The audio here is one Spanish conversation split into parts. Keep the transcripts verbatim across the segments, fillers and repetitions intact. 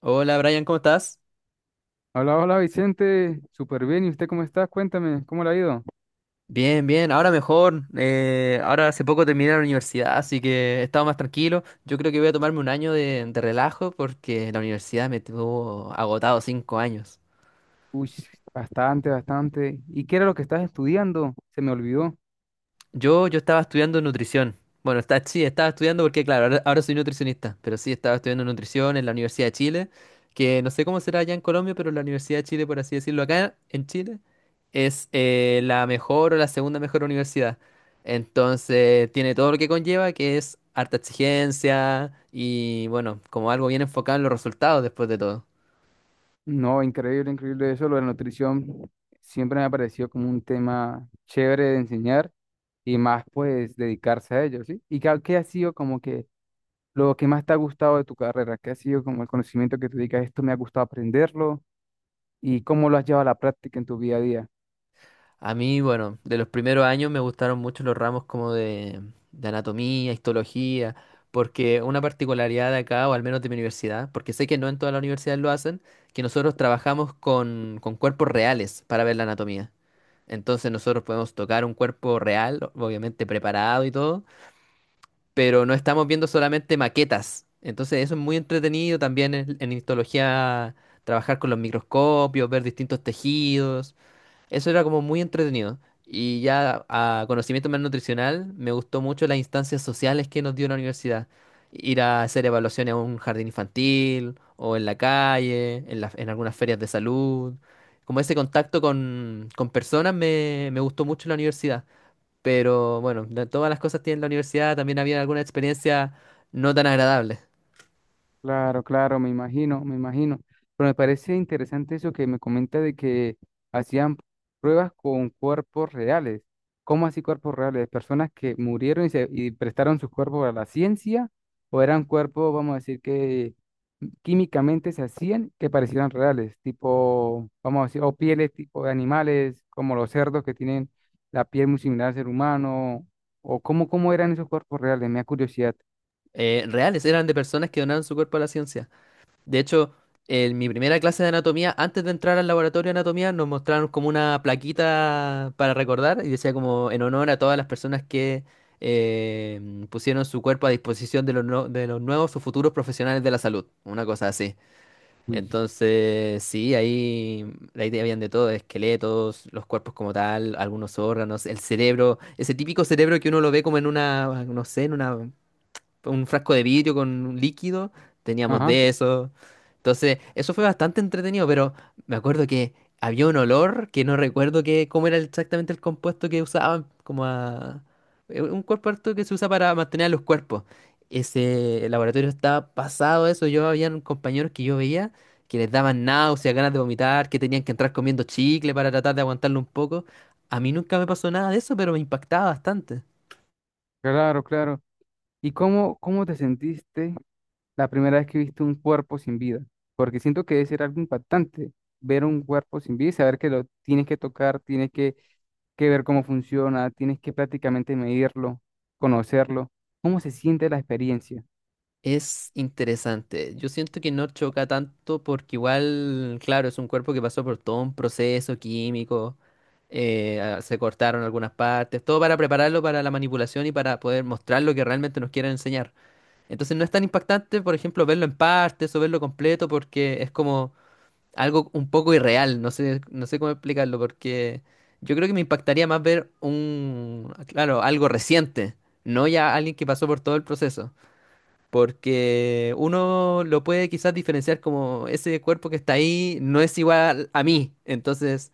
Hola Brian, ¿cómo estás? Hola, hola Vicente, súper bien. ¿Y usted cómo está? Cuéntame, ¿cómo le ha ido? Bien, bien, ahora mejor. Eh, ahora hace poco terminé la universidad, así que he estado más tranquilo. Yo creo que voy a tomarme un año de, de relajo porque la universidad me tuvo agotado cinco años. Uy, bastante, bastante. ¿Y qué era lo que estás estudiando? Se me olvidó. Yo, yo estaba estudiando nutrición. Bueno, está, sí, estaba estudiando porque, claro, ahora, ahora soy nutricionista, pero sí, estaba estudiando nutrición en la Universidad de Chile, que no sé cómo será allá en Colombia, pero la Universidad de Chile, por así decirlo, acá en Chile, es eh, la mejor o la segunda mejor universidad. Entonces, tiene todo lo que conlleva, que es harta exigencia y, bueno, como algo bien enfocado en los resultados después de todo. No, increíble, increíble eso. Lo de la nutrición siempre me ha parecido como un tema chévere de enseñar y más pues dedicarse a ello, ¿sí? ¿Y qué, qué ha sido como que lo que más te ha gustado de tu carrera? ¿Qué ha sido como el conocimiento que te dedicas? Esto me ha gustado aprenderlo y cómo lo has llevado a la práctica en tu día a día. A mí, bueno, de los primeros años me gustaron mucho los ramos como de, de anatomía, histología, porque una particularidad de acá, o al menos de mi universidad, porque sé que no en todas las universidades lo hacen, que nosotros trabajamos con, con cuerpos reales para ver la anatomía. Entonces nosotros podemos tocar un cuerpo real, obviamente preparado y todo, pero no estamos viendo solamente maquetas. Entonces eso es muy entretenido también en, en histología, trabajar con los microscopios, ver distintos tejidos. Eso era como muy entretenido. Y ya a conocimiento más nutricional, me gustó mucho las instancias sociales que nos dio la universidad. Ir a hacer evaluaciones a un jardín infantil o en la calle, en, la- en algunas ferias de salud. Como ese contacto con, con personas me, me gustó mucho en la universidad. Pero bueno, de todas las cosas que tiene la universidad, también había algunas experiencias no tan agradables. Claro, claro, me imagino, me imagino. Pero me parece interesante eso que me comenta de que hacían pruebas con cuerpos reales. ¿Cómo así cuerpos reales? ¿Personas que murieron y, se, y prestaron sus cuerpos a la ciencia? ¿O eran cuerpos, vamos a decir, que químicamente se hacían que parecieran reales? Tipo, vamos a decir, o pieles tipo de animales, como los cerdos que tienen la piel muy similar al ser humano. ¿O cómo, cómo eran esos cuerpos reales? Me da curiosidad. Eh, reales, eran de personas que donaron su cuerpo a la ciencia. De hecho, en mi primera clase de anatomía, antes de entrar al laboratorio de anatomía, nos mostraron como una plaquita para recordar y decía como en honor a todas las personas que eh, pusieron su cuerpo a disposición de los, no- de los nuevos o futuros profesionales de la salud, una cosa así. Uy. Entonces, sí, ahí, ahí te habían de todo, esqueletos, los cuerpos como tal, algunos órganos, el cerebro, ese típico cerebro que uno lo ve como en una, no sé, en una un frasco de vidrio con un líquido, teníamos Ajá. de eso. Entonces, eso fue bastante entretenido, pero me acuerdo que había un olor que no recuerdo que, cómo era exactamente el compuesto que usaban, como a... eh, Un compuesto que se usa para mantener a los cuerpos. Ese laboratorio estaba pasado eso. Yo había compañeros que yo veía que les daban náuseas, ganas de vomitar, que tenían que entrar comiendo chicle para tratar de aguantarlo un poco. A mí nunca me pasó nada de eso, pero me impactaba bastante. Claro, claro. ¿Y cómo, cómo te sentiste la primera vez que viste un cuerpo sin vida? Porque siento que debe ser algo impactante ver un cuerpo sin vida y saber que lo tienes que tocar, tienes que, que ver cómo funciona, tienes que prácticamente medirlo, conocerlo. ¿Cómo se siente la experiencia? Es interesante. Yo siento que no choca tanto porque igual, claro, es un cuerpo que pasó por todo un proceso químico, eh, ah, se cortaron algunas partes, todo para prepararlo para la manipulación y para poder mostrar lo que realmente nos quieren enseñar. Entonces no es tan impactante, por ejemplo, verlo en partes o verlo completo porque es como algo un poco irreal. No sé, no sé cómo explicarlo porque yo creo que me impactaría más ver un, claro, algo reciente, no ya alguien que pasó por todo el proceso. Porque uno lo puede quizás diferenciar como ese cuerpo que está ahí no es igual a mí. Entonces,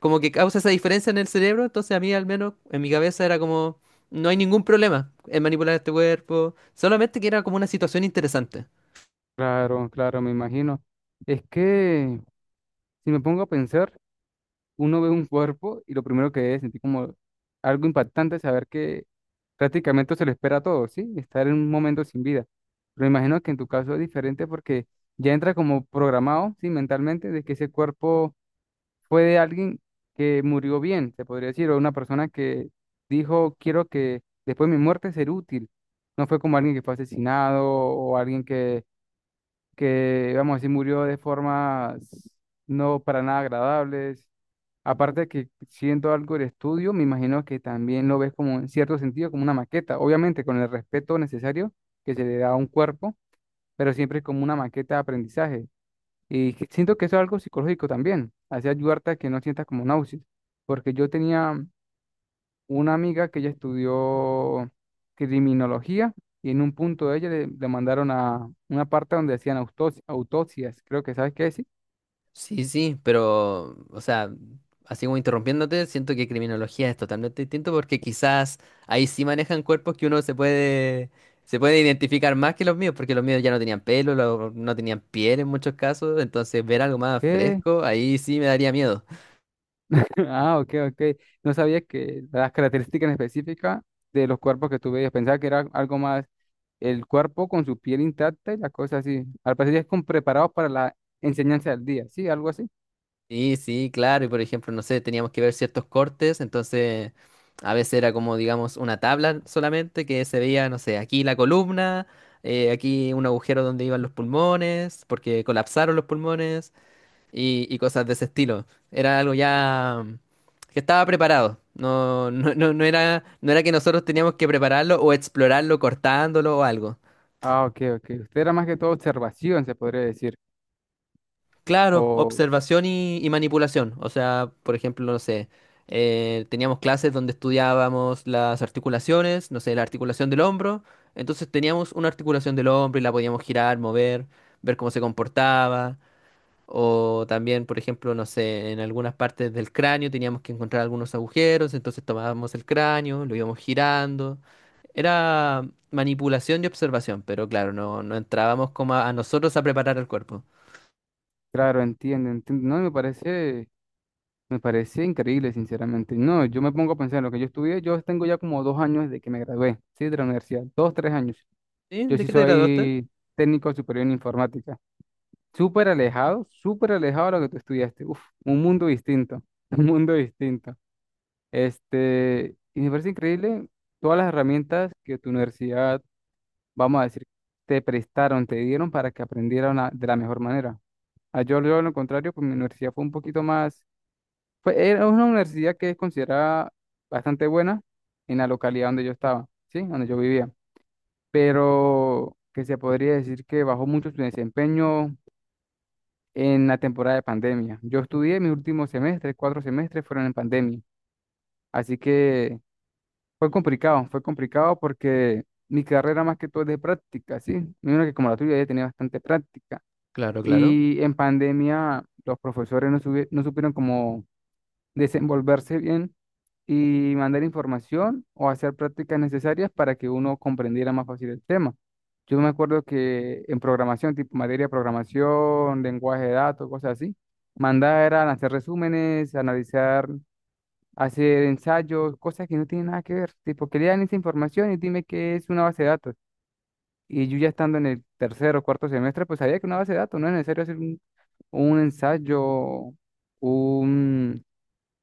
como que causa esa diferencia en el cerebro. Entonces, a mí al menos en mi cabeza era como, no hay ningún problema en manipular este cuerpo. Solamente que era como una situación interesante. Claro, claro, me imagino. Es que si me pongo a pensar, uno ve un cuerpo y lo primero que debe sentir como algo impactante es saber que prácticamente se lo espera a todos, ¿sí? Estar en un momento sin vida. Pero imagino que en tu caso es diferente porque ya entra como programado, ¿sí? Mentalmente, de que ese cuerpo fue de alguien que murió bien, se podría decir, o una persona que dijo, quiero que después de mi muerte ser útil. No fue como alguien que fue asesinado o alguien que, vamos a decir, murió de formas no para nada agradables. Aparte de que siento algo del estudio, me imagino que también lo ves como en cierto sentido, como una maqueta, obviamente con el respeto necesario que se le da a un cuerpo, pero siempre como una maqueta de aprendizaje. Y que siento que eso es algo psicológico también, hace ayudarte a que no sientas como náuseas, porque yo tenía una amiga que ella estudió criminología y en un punto de ella le, le mandaron a una parte donde hacían autos- autopsias, creo que sabes qué decir. Sí, sí, pero, o sea, así como interrumpiéndote, siento que criminología es totalmente distinto porque quizás ahí sí manejan cuerpos que uno se puede, se puede identificar más que los míos, porque los míos ya no tenían pelo, lo- no tenían piel en muchos casos, entonces ver algo más ¿Qué? fresco, ahí sí me daría miedo. Ah, ok, ok. No sabía que las características específicas de los cuerpos que tú veías. Pensaba que era algo más el cuerpo con su piel intacta y las cosas así. Al parecer ya es con preparados para la enseñanza del día, ¿sí? Algo así. Sí, sí, claro. Y por ejemplo, no sé, teníamos que ver ciertos cortes, entonces a veces era como, digamos, una tabla solamente que se veía, no sé, aquí la columna, eh, aquí un agujero donde iban los pulmones, porque colapsaron los pulmones y, y cosas de ese estilo. Era algo ya mm, que estaba preparado. No, no, no, no era, no era que nosotros teníamos que prepararlo o explorarlo cortándolo o algo. Ah, ok, ok. Usted era más que todo observación, se podría decir. Claro, O, observación y, y manipulación. O sea, por ejemplo, no sé, eh, teníamos clases donde estudiábamos las articulaciones, no sé, la articulación del hombro. Entonces teníamos una articulación del hombro y la podíamos girar, mover, ver cómo se comportaba. O también, por ejemplo, no sé, en algunas partes del cráneo teníamos que encontrar algunos agujeros, entonces tomábamos el cráneo, lo íbamos girando. Era manipulación y observación, pero claro, no, no entrábamos como a a nosotros a preparar el cuerpo. claro, entiendo, entiendo. No, me parece. Me parece increíble, sinceramente. No, yo me pongo a pensar en lo que yo estudié. Yo tengo ya como dos años desde que me gradué, ¿sí? De la universidad. Dos, tres años. ¿Sí? Yo ¿De sí qué te graduaste? soy técnico superior en informática. Súper alejado, súper alejado de lo que tú estudiaste. Uf, un mundo distinto, un mundo distinto. Este, y me parece increíble todas las herramientas que tu universidad, vamos a decir, te prestaron, te dieron para que aprendieran a- de la mejor manera. Ah, Yo, yo, lo contrario, pues mi universidad fue un poquito más fue, era una universidad que es considerada bastante buena en la localidad donde yo estaba, ¿sí? Donde yo vivía. Pero que se podría decir que bajó mucho su desempeño en la temporada de pandemia. Yo estudié mis últimos semestres, cuatro semestres fueron en pandemia. Así que fue complicado, fue complicado porque mi carrera más que todo es de práctica, ¿sí? Mira que como la tuya ya tenía bastante práctica. Claro, claro. Y en pandemia los profesores no, subi- no supieron cómo desenvolverse bien y mandar información o hacer prácticas necesarias para que uno comprendiera más fácil el tema. Yo me acuerdo que en programación, tipo materia de programación, lenguaje de datos, cosas así, mandar eran hacer resúmenes, analizar, hacer ensayos, cosas que no tienen nada que ver. Tipo, que lean esa información y dime qué es una base de datos. Y yo ya estando en el tercer o cuarto semestre, pues sabía que una base de datos no es necesario hacer un, un ensayo, un,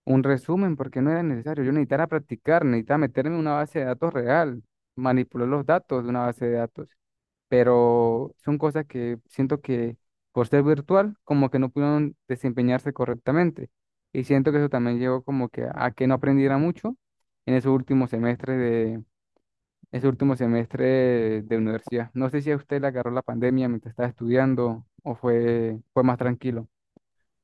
un resumen porque no era necesario. Yo necesitaba practicar, necesitaba meterme en una base de datos real, manipular los datos de una base de datos. Pero son cosas que siento que por ser virtual, como que no pudieron desempeñarse correctamente. Y siento que eso también llevó como que a que no aprendiera mucho en esos últimos semestres de, ese último semestre de, de universidad. No sé si a usted le agarró la pandemia mientras estaba estudiando o fue, fue más tranquilo.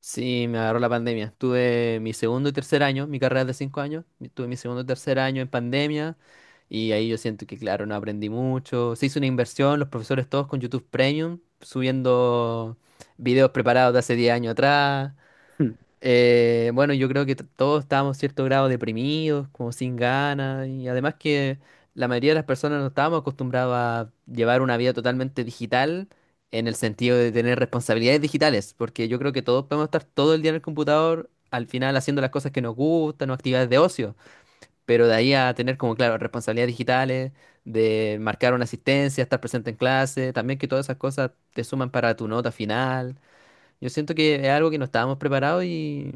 Sí, me agarró la pandemia. Tuve mi segundo y tercer año, mi carrera es de cinco años, mi- tuve mi segundo y tercer año en pandemia y ahí yo siento que, claro, no aprendí mucho. Se hizo una inversión, los profesores todos con YouTube Premium, subiendo videos preparados de hace diez años atrás. Eh, bueno, yo creo que t- todos estábamos cierto grado deprimidos, como sin ganas, y además que la mayoría de las personas no estábamos acostumbrados a llevar una vida totalmente digital en el sentido de tener responsabilidades digitales, porque yo creo que todos podemos estar todo el día en el computador, al final haciendo las cosas que nos gustan o actividades de ocio, pero de ahí a tener como, claro, responsabilidades digitales, de marcar una asistencia, estar presente en clase, también que todas esas cosas te suman para tu nota final. Yo siento que es algo que no estábamos preparados y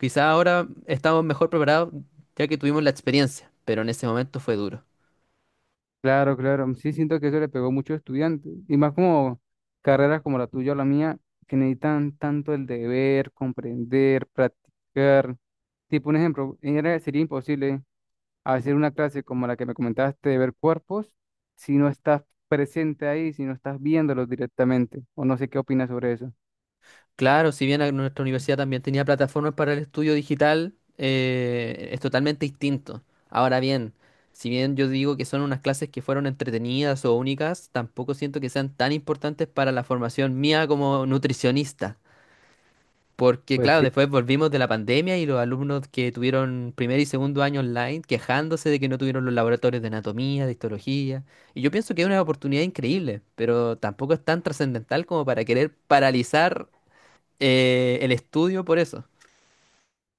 quizá ahora estamos mejor preparados ya que tuvimos la experiencia, pero en ese momento fue duro. Claro, claro. mm, Sí, siento que eso le pegó mucho a muchos estudiantes. Y más como carreras como la tuya o la mía, que necesitan tanto el deber, comprender, practicar. Tipo, un ejemplo, era- sería imposible hacer una clase como la que me comentaste de ver cuerpos si no estás presente ahí, si no estás viéndolos directamente. O no sé qué opinas sobre eso. Claro, si bien a- nuestra universidad también tenía plataformas para el estudio digital, eh, es totalmente distinto. Ahora bien, si bien yo digo que son unas clases que fueron entretenidas o únicas, tampoco siento que sean tan importantes para la formación mía como nutricionista. Porque, Pues claro, sí, después volvimos de la pandemia y los alumnos que tuvieron primer y segundo año online quejándose de que no tuvieron los laboratorios de anatomía, de histología. Y yo pienso que es una oportunidad increíble, pero tampoco es tan trascendental como para querer paralizar eh, el estudio por eso.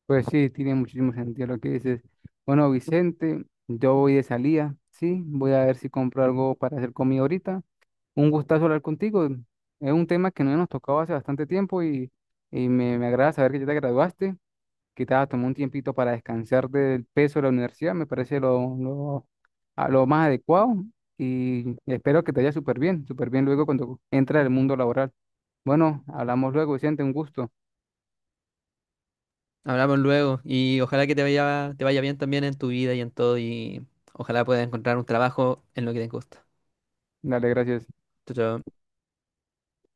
pues sí, tiene muchísimo sentido lo que dices. Bueno, Vicente, yo voy de salida, sí, voy a ver si compro algo para hacer comida ahorita. Un gustazo hablar contigo. Es un tema que no nos tocaba hace bastante tiempo y, y me, me agrada saber que ya te graduaste, que te has tomado un tiempito para descansar del peso de la universidad. Me parece lo, lo, a lo más adecuado y espero que te vaya súper bien, súper bien luego cuando entres al mundo laboral. Bueno, hablamos luego, Vicente, un gusto. Hablamos luego y ojalá que te vaya, te vaya bien también en tu vida y en todo y ojalá puedas encontrar un trabajo en lo que te gusta. Dale, gracias. Chao, chao.